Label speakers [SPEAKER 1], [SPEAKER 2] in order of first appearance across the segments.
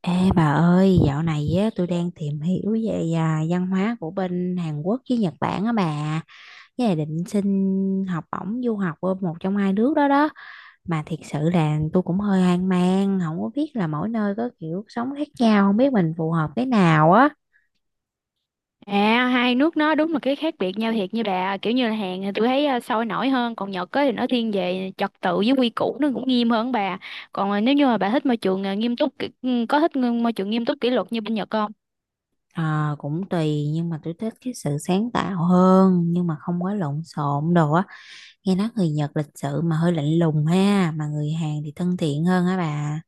[SPEAKER 1] Ê bà ơi, dạo này á, tôi đang tìm hiểu về văn hóa của bên Hàn Quốc với Nhật Bản á bà. Với lại định xin học bổng du học ở một trong hai nước đó đó. Mà thiệt sự là tôi cũng hơi hoang mang, không có biết là mỗi nơi có kiểu sống khác nhau, không biết mình phù hợp cái nào á.
[SPEAKER 2] À, hai nước nó đúng là cái khác biệt nhau thiệt như bà, kiểu như là Hàn thì tôi thấy sôi nổi hơn, còn Nhật á thì nó thiên về trật tự với quy củ, nó cũng nghiêm hơn bà. Còn nếu như mà bà thích môi trường nghiêm túc có thích môi trường nghiêm túc kỷ luật như bên Nhật không?
[SPEAKER 1] Ờ, cũng tùy nhưng mà tôi thích cái sự sáng tạo hơn nhưng mà không có lộn xộn đồ á. Nghe nói người Nhật lịch sự mà hơi lạnh lùng ha, mà người Hàn thì thân thiện hơn hả bà?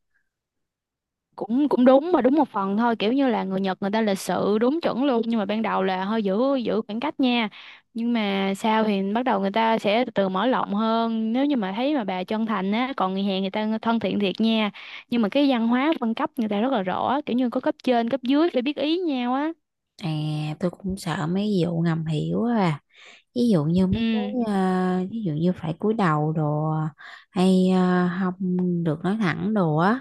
[SPEAKER 2] Cũng cũng đúng mà đúng một phần thôi, kiểu như là người Nhật người ta lịch sự đúng chuẩn luôn, nhưng mà ban đầu là hơi giữ giữ khoảng cách nha. Nhưng mà sau thì bắt đầu người ta sẽ từ từ mở rộng hơn nếu như mà thấy mà bà chân thành á. Còn người Hàn người ta thân thiện thiệt nha, nhưng mà cái văn hóa phân cấp người ta rất là rõ, kiểu như có cấp trên cấp dưới phải biết ý nhau á.
[SPEAKER 1] À, tôi cũng sợ mấy vụ ngầm hiểu à. Ví dụ như mấy
[SPEAKER 2] Ừ.
[SPEAKER 1] cái ví dụ như phải cúi đầu đồ, hay không được nói thẳng đồ á.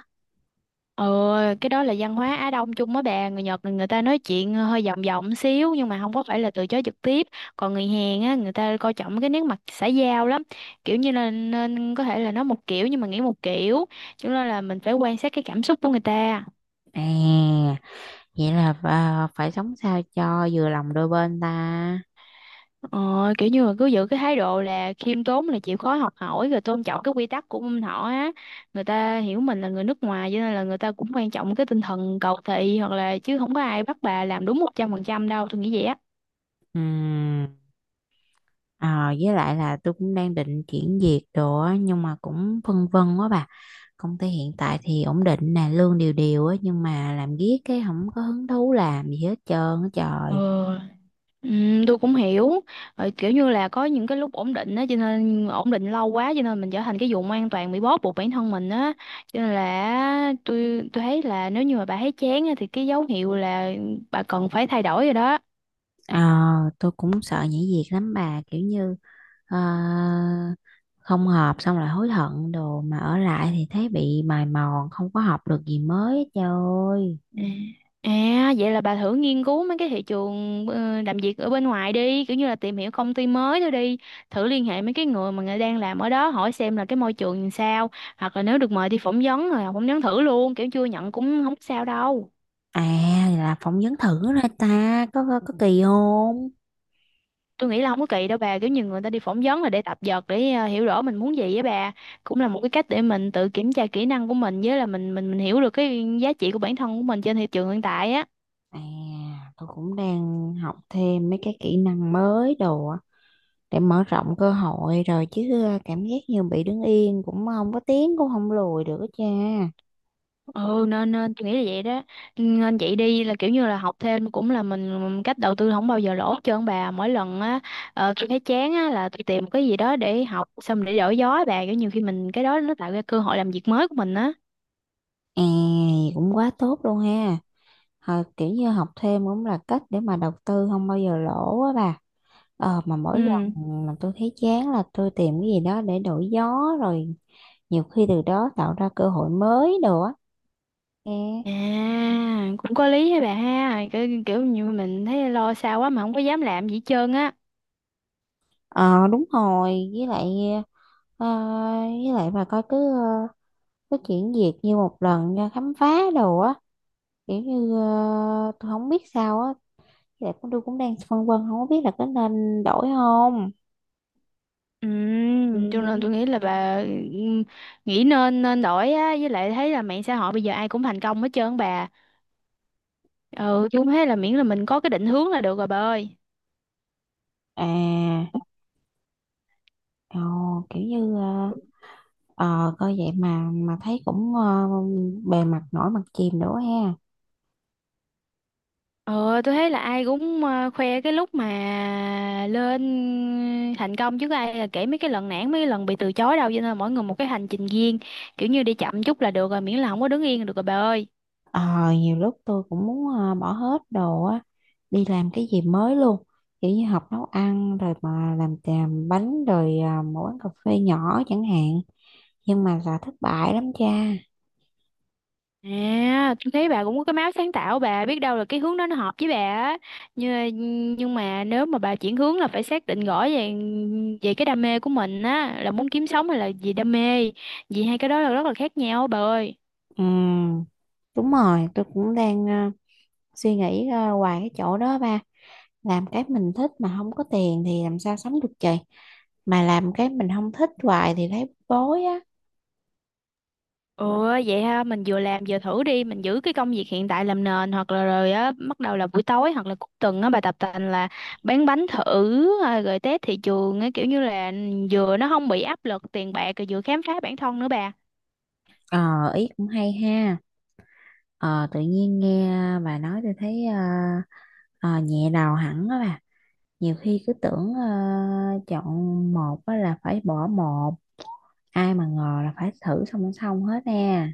[SPEAKER 2] Ờ, cái đó là văn hóa Á Đông chung á bà, người Nhật là người ta nói chuyện hơi vòng vòng xíu nhưng mà không có phải là từ chối trực tiếp. Còn người Hàn á người ta coi trọng cái nét mặt xã giao lắm, kiểu như là nên có thể là nói một kiểu nhưng mà nghĩ một kiểu, cho nên là mình phải quan sát cái cảm xúc của người ta.
[SPEAKER 1] À, vậy là phải sống sao cho vừa lòng đôi bên ta.
[SPEAKER 2] Ờ, kiểu như là cứ giữ cái thái độ là khiêm tốn, là chịu khó học hỏi rồi tôn trọng cái quy tắc của bên họ á. Người ta hiểu mình là người nước ngoài, cho nên là người ta cũng quan trọng cái tinh thần cầu thị, hoặc là chứ không có ai bắt bà làm đúng 100% đâu, tôi nghĩ vậy á.
[SPEAKER 1] Ừm. Ờ, với lại là tôi cũng đang định chuyển việc đồ á, nhưng mà cũng phân vân quá bà. Công ty hiện tại thì ổn định nè, lương đều đều á, nhưng mà làm riết cái không có hứng thú làm gì hết trơn á trời.
[SPEAKER 2] Ờ. Ừ, tôi cũng hiểu. Ờ, kiểu như là có những cái lúc ổn định á, cho nên ổn định lâu quá cho nên mình trở thành cái vùng an toàn, bị bó buộc bản thân mình á, cho nên là tôi thấy là nếu như mà bà thấy chán á, thì cái dấu hiệu là bà cần phải thay đổi rồi đó.
[SPEAKER 1] Ờ, tôi cũng sợ nhảy việc lắm bà, kiểu như ờ, không hợp xong lại hối hận đồ, mà ở lại thì thấy bị mài mòn không có học được gì mới hết trời ơi.
[SPEAKER 2] Ừ. À vậy là bà thử nghiên cứu mấy cái thị trường làm việc ở bên ngoài đi, kiểu như là tìm hiểu công ty mới thôi đi, thử liên hệ mấy cái người mà người đang làm ở đó hỏi xem là cái môi trường làm sao, hoặc là nếu được mời đi phỏng vấn rồi phỏng vấn thử luôn, kiểu chưa nhận cũng không sao đâu.
[SPEAKER 1] À, là phỏng vấn thử ra ta có kỳ không?
[SPEAKER 2] Tôi nghĩ là không có kỳ đâu bà, kiểu như người ta đi phỏng vấn là để tập dượt, để hiểu rõ mình muốn gì á bà. Cũng là một cái cách để mình tự kiểm tra kỹ năng của mình, với là mình hiểu được cái giá trị của bản thân của mình trên thị trường hiện tại á.
[SPEAKER 1] À, tôi cũng đang học thêm mấy cái kỹ năng mới đồ á, để mở rộng cơ hội rồi chứ ờ, cảm giác như bị đứng yên cũng không có tiến cũng không lùi được á cha.
[SPEAKER 2] Ừ nên nên tôi nghĩ là vậy đó, nên chị đi là kiểu như là học thêm cũng là mình cách đầu tư không bao giờ lỗ hết trơn bà. Mỗi lần á tôi thấy chán á là tôi tìm một cái gì đó để học, xong để đổi gió á bà, kiểu nhiều khi mình cái đó nó tạo ra cơ hội làm việc mới của mình á.
[SPEAKER 1] À, cũng quá tốt luôn ha. Ờ, kiểu như học thêm cũng là cách để mà đầu tư không bao giờ lỗ á bà. Ờ, mà mỗi lần
[SPEAKER 2] Ừ.
[SPEAKER 1] mà tôi thấy chán là tôi tìm cái gì đó để đổi gió, rồi nhiều khi từ đó tạo ra cơ hội mới đồ á nghe.
[SPEAKER 2] À, cũng có lý hả bà ha, kiểu, kiểu như mình thấy lo xa quá mà không có dám làm gì hết trơn á.
[SPEAKER 1] Ờ đúng rồi, với lại ờ, với lại bà coi, cứ cứ chuyển việc như một lần ra khám phá đồ á, kiểu như ờ, tôi không biết sao á. Với lại cũng tôi cũng đang phân vân không có biết là có nên đổi không.
[SPEAKER 2] Ừ,
[SPEAKER 1] Ừ.
[SPEAKER 2] cho nên tôi nghĩ là bà ừm, nghĩ nên nên đổi á, với lại thấy là mạng xã hội bây giờ ai cũng thành công hết trơn bà. Ừ, tôi cũng thấy là miễn là mình có cái định hướng là được rồi bà ơi.
[SPEAKER 1] À. Ồ, kiểu như coi vậy mà thấy cũng ờ, bề mặt nổi mặt chìm nữa ha.
[SPEAKER 2] Ừ, tôi thấy là ai cũng khoe cái lúc mà lên thành công, chứ có ai là kể mấy cái lần nản, mấy cái lần bị từ chối đâu, cho nên là mỗi người một cái hành trình riêng, kiểu như đi chậm chút là được rồi, miễn là không có đứng yên là được rồi bà ơi.
[SPEAKER 1] Ờ, nhiều lúc tôi cũng muốn bỏ hết đồ á, đi làm cái gì mới luôn, kiểu như học nấu ăn rồi mà làm bánh rồi ờ, một quán cà phê nhỏ chẳng hạn, nhưng mà là thất bại lắm cha.
[SPEAKER 2] À, tôi thấy bà cũng có cái máu sáng tạo, bà biết đâu là cái hướng đó nó hợp với bà á. Nhưng mà nếu mà bà chuyển hướng là phải xác định rõ về về cái đam mê của mình á, là muốn kiếm sống hay là vì đam mê. Vì hai cái đó là rất là khác nhau bà ơi.
[SPEAKER 1] Ừm, đúng rồi, tôi cũng đang ờ, suy nghĩ ờ, hoài cái chỗ đó ba. Làm cái mình thích mà không có tiền thì làm sao sống được trời, mà làm cái mình không thích hoài thì thấy bối á.
[SPEAKER 2] Ừ vậy ha, mình vừa làm vừa thử đi, mình giữ cái công việc hiện tại làm nền, hoặc là rồi á bắt đầu là buổi tối hoặc là cuối tuần á bà, tập tành là bán bánh thử à, rồi test thị trường á, kiểu như là vừa nó không bị áp lực tiền bạc rồi vừa khám phá bản thân nữa bà.
[SPEAKER 1] Ờ, ý cũng hay ha. Ờ, tự nhiên nghe bà nói tôi thấy ờ, nhẹ đầu hẳn á bà. Nhiều khi cứ tưởng ờ, chọn một á là phải bỏ một. Ai mà ngờ là phải thử song song hết nè.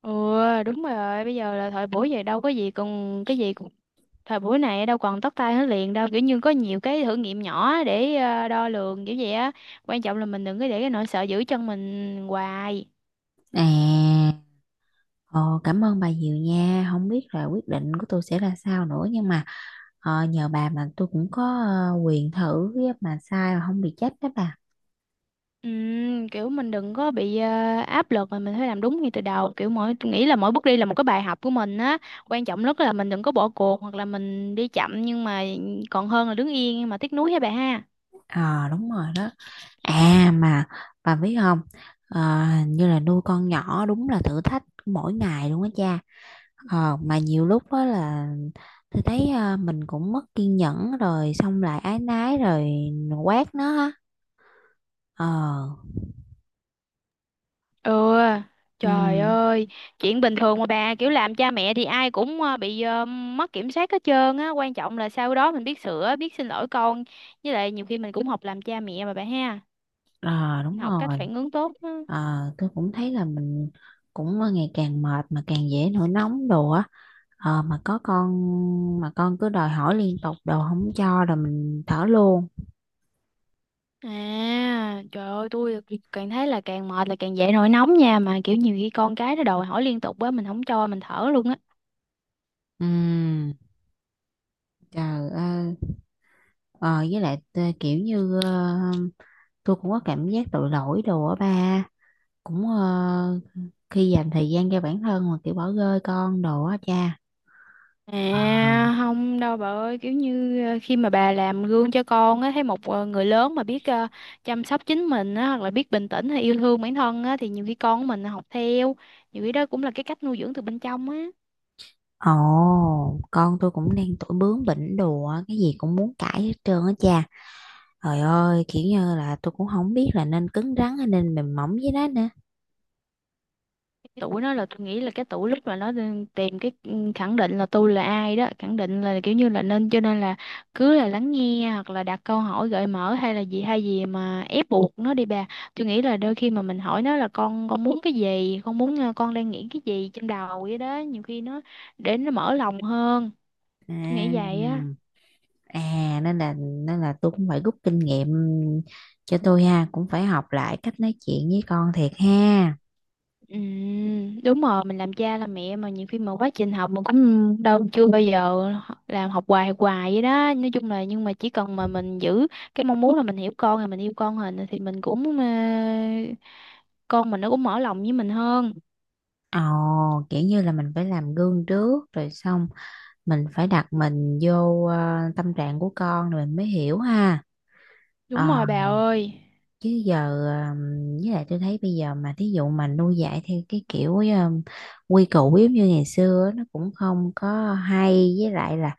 [SPEAKER 2] Ừ đúng rồi, bây giờ là thời buổi vậy đâu có gì, còn cái gì cũng thời buổi này đâu còn tóc tai hết liền đâu, kiểu như có nhiều cái thử nghiệm nhỏ để đo lường kiểu vậy á, quan trọng là mình đừng có để cái nỗi sợ giữ chân mình hoài.
[SPEAKER 1] À, ờ, cảm ơn bà nhiều nha. Không biết là quyết định của tôi sẽ là sao nữa nhưng mà ờ, nhờ bà mà tôi cũng có quyền thử á, mà sai mà không bị chết đó bà.
[SPEAKER 2] Kiểu mình đừng có bị áp lực mà mình phải làm đúng ngay từ đầu, kiểu mỗi tôi nghĩ là mỗi bước đi là một cái bài học của mình á, quan trọng nhất là mình đừng có bỏ cuộc, hoặc là mình đi chậm nhưng mà còn hơn là đứng yên mà tiếc nuối, hả bà ha.
[SPEAKER 1] Ờ đúng rồi đó. À mà bà biết không? Ờ, hình như là nuôi con nhỏ đúng là thử thách mỗi ngày luôn á cha. Ờ mà nhiều lúc đó là tôi thấy mình cũng mất kiên nhẫn rồi xong lại ái nái rồi quát nó ha. Ờ,
[SPEAKER 2] Ừ, trời
[SPEAKER 1] ừ,
[SPEAKER 2] ơi, chuyện bình thường mà bà, kiểu làm cha mẹ thì ai cũng bị mất kiểm soát hết trơn á, quan trọng là sau đó mình biết sửa, biết xin lỗi con, với lại nhiều khi mình cũng học làm cha mẹ mà bà ha,
[SPEAKER 1] ờ đúng
[SPEAKER 2] học cách
[SPEAKER 1] rồi.
[SPEAKER 2] phản ứng tốt á.
[SPEAKER 1] Ờ tôi cũng thấy là mình cũng ngày càng mệt mà càng dễ nổi nóng đồ á, ờ mà có con mà con cứ đòi hỏi liên tục đồ không cho rồi mình thở luôn.
[SPEAKER 2] À, trời ơi, tôi càng thấy là càng mệt là càng dậy nổi nóng nha, mà kiểu nhiều khi con cái nó đòi hỏi liên tục á, mình không cho, mình thở luôn á.
[SPEAKER 1] Ừm, trời ơi, ờ, với lại kiểu như ờ, tôi cũng có cảm giác tội lỗi đồ á ba, cũng ờ, khi dành thời gian cho bản thân mà kiểu bỏ rơi con đồ á cha. Ờ.
[SPEAKER 2] À không đâu bà ơi, kiểu như khi mà bà làm gương cho con á, thấy một người lớn mà biết chăm sóc chính mình á, hoặc là biết bình tĩnh hay yêu thương bản thân á, thì nhiều khi con của mình học theo, nhiều khi đó cũng là cái cách nuôi dưỡng từ bên trong á.
[SPEAKER 1] Ồ, con tôi cũng đang tuổi bướng bỉnh đồ á, cái gì cũng muốn cãi hết trơn á cha. Trời ơi, kiểu như là tôi cũng không biết là nên cứng rắn hay nên mềm mỏng với nó nữa.
[SPEAKER 2] Tuổi nó là tôi nghĩ là cái tuổi lúc mà nó đang tìm cái khẳng định là tôi là ai đó, khẳng định là kiểu như là nên cho nên là cứ là lắng nghe, hoặc là đặt câu hỏi gợi mở, hay là gì hay gì mà ép buộc nó đi bà. Tôi nghĩ là đôi khi mà mình hỏi nó là con muốn cái gì, con muốn con đang nghĩ cái gì trong đầu vậy đó, nhiều khi nó để nó mở lòng hơn, tôi
[SPEAKER 1] À.
[SPEAKER 2] nghĩ vậy á.
[SPEAKER 1] À nên là tôi cũng phải rút kinh nghiệm cho tôi ha, cũng phải học lại cách nói chuyện với con thiệt ha.
[SPEAKER 2] Ừ, đúng rồi, mình làm cha làm mẹ mà nhiều khi mà quá trình học mình cũng đâu chưa bao giờ làm, học hoài hoài vậy đó nói chung là, nhưng mà chỉ cần mà mình giữ cái mong muốn là mình hiểu con rồi mình yêu con rồi thì mình cũng con mình nó cũng mở lòng với mình hơn.
[SPEAKER 1] Ồ, kiểu như là mình phải làm gương trước rồi xong mình phải đặt mình vô ờ, tâm trạng của con rồi mình mới hiểu ha. Ờ,
[SPEAKER 2] Đúng rồi bà ơi.
[SPEAKER 1] chứ giờ với lại tôi thấy bây giờ mà thí dụ mà nuôi dạy theo cái kiểu quy củ giống như ngày xưa á, nó cũng không có hay, với lại là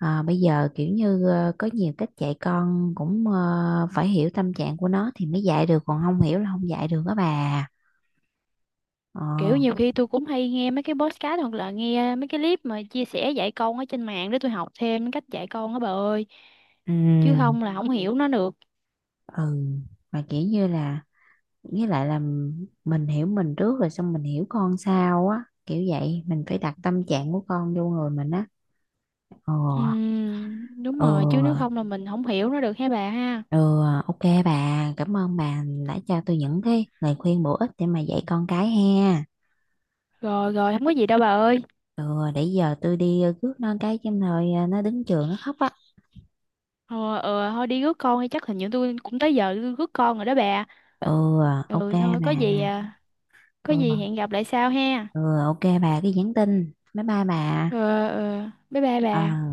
[SPEAKER 1] ờ, bây giờ kiểu như ờ, có nhiều cách dạy con, cũng ờ, phải hiểu tâm trạng của nó thì mới dạy được, còn không hiểu là không dạy được đó bà. Ờ,
[SPEAKER 2] Kiểu nhiều khi tôi cũng hay nghe mấy cái podcast, hoặc là nghe mấy cái clip mà chia sẻ dạy con ở trên mạng để tôi học thêm cách dạy con á bà ơi, chứ
[SPEAKER 1] ừ.
[SPEAKER 2] không là không hiểu nó được.
[SPEAKER 1] Ừ, mà kiểu như là với lại là mình hiểu mình trước rồi xong mình hiểu con sau á, kiểu vậy mình phải đặt tâm trạng của con vô người mình á. Ờ,
[SPEAKER 2] Ừ, đúng
[SPEAKER 1] ờ,
[SPEAKER 2] rồi, chứ nếu không là mình không hiểu nó được hả bà ha.
[SPEAKER 1] ừ, ok bà, cảm ơn bà đã cho tôi những cái lời khuyên bổ ích để mà dạy con cái ha.
[SPEAKER 2] Rồi rồi, không có gì đâu bà ơi.
[SPEAKER 1] Ừ, để giờ tôi đi rước nó cái chứ rồi ờ, nó đứng trường nó khóc á.
[SPEAKER 2] Ờ ờ thôi đi rước con đi, chắc hình như tôi cũng tới giờ tôi rước con rồi đó bà.
[SPEAKER 1] Ừ, ok
[SPEAKER 2] Ừ
[SPEAKER 1] bà.
[SPEAKER 2] thôi có gì à, có gì
[SPEAKER 1] Ừ,
[SPEAKER 2] hẹn gặp lại sau ha.
[SPEAKER 1] ừ, ok bà cái nhắn tin. Bye bye bà.
[SPEAKER 2] Ờ ờ bye bye
[SPEAKER 1] Ờ.
[SPEAKER 2] bà.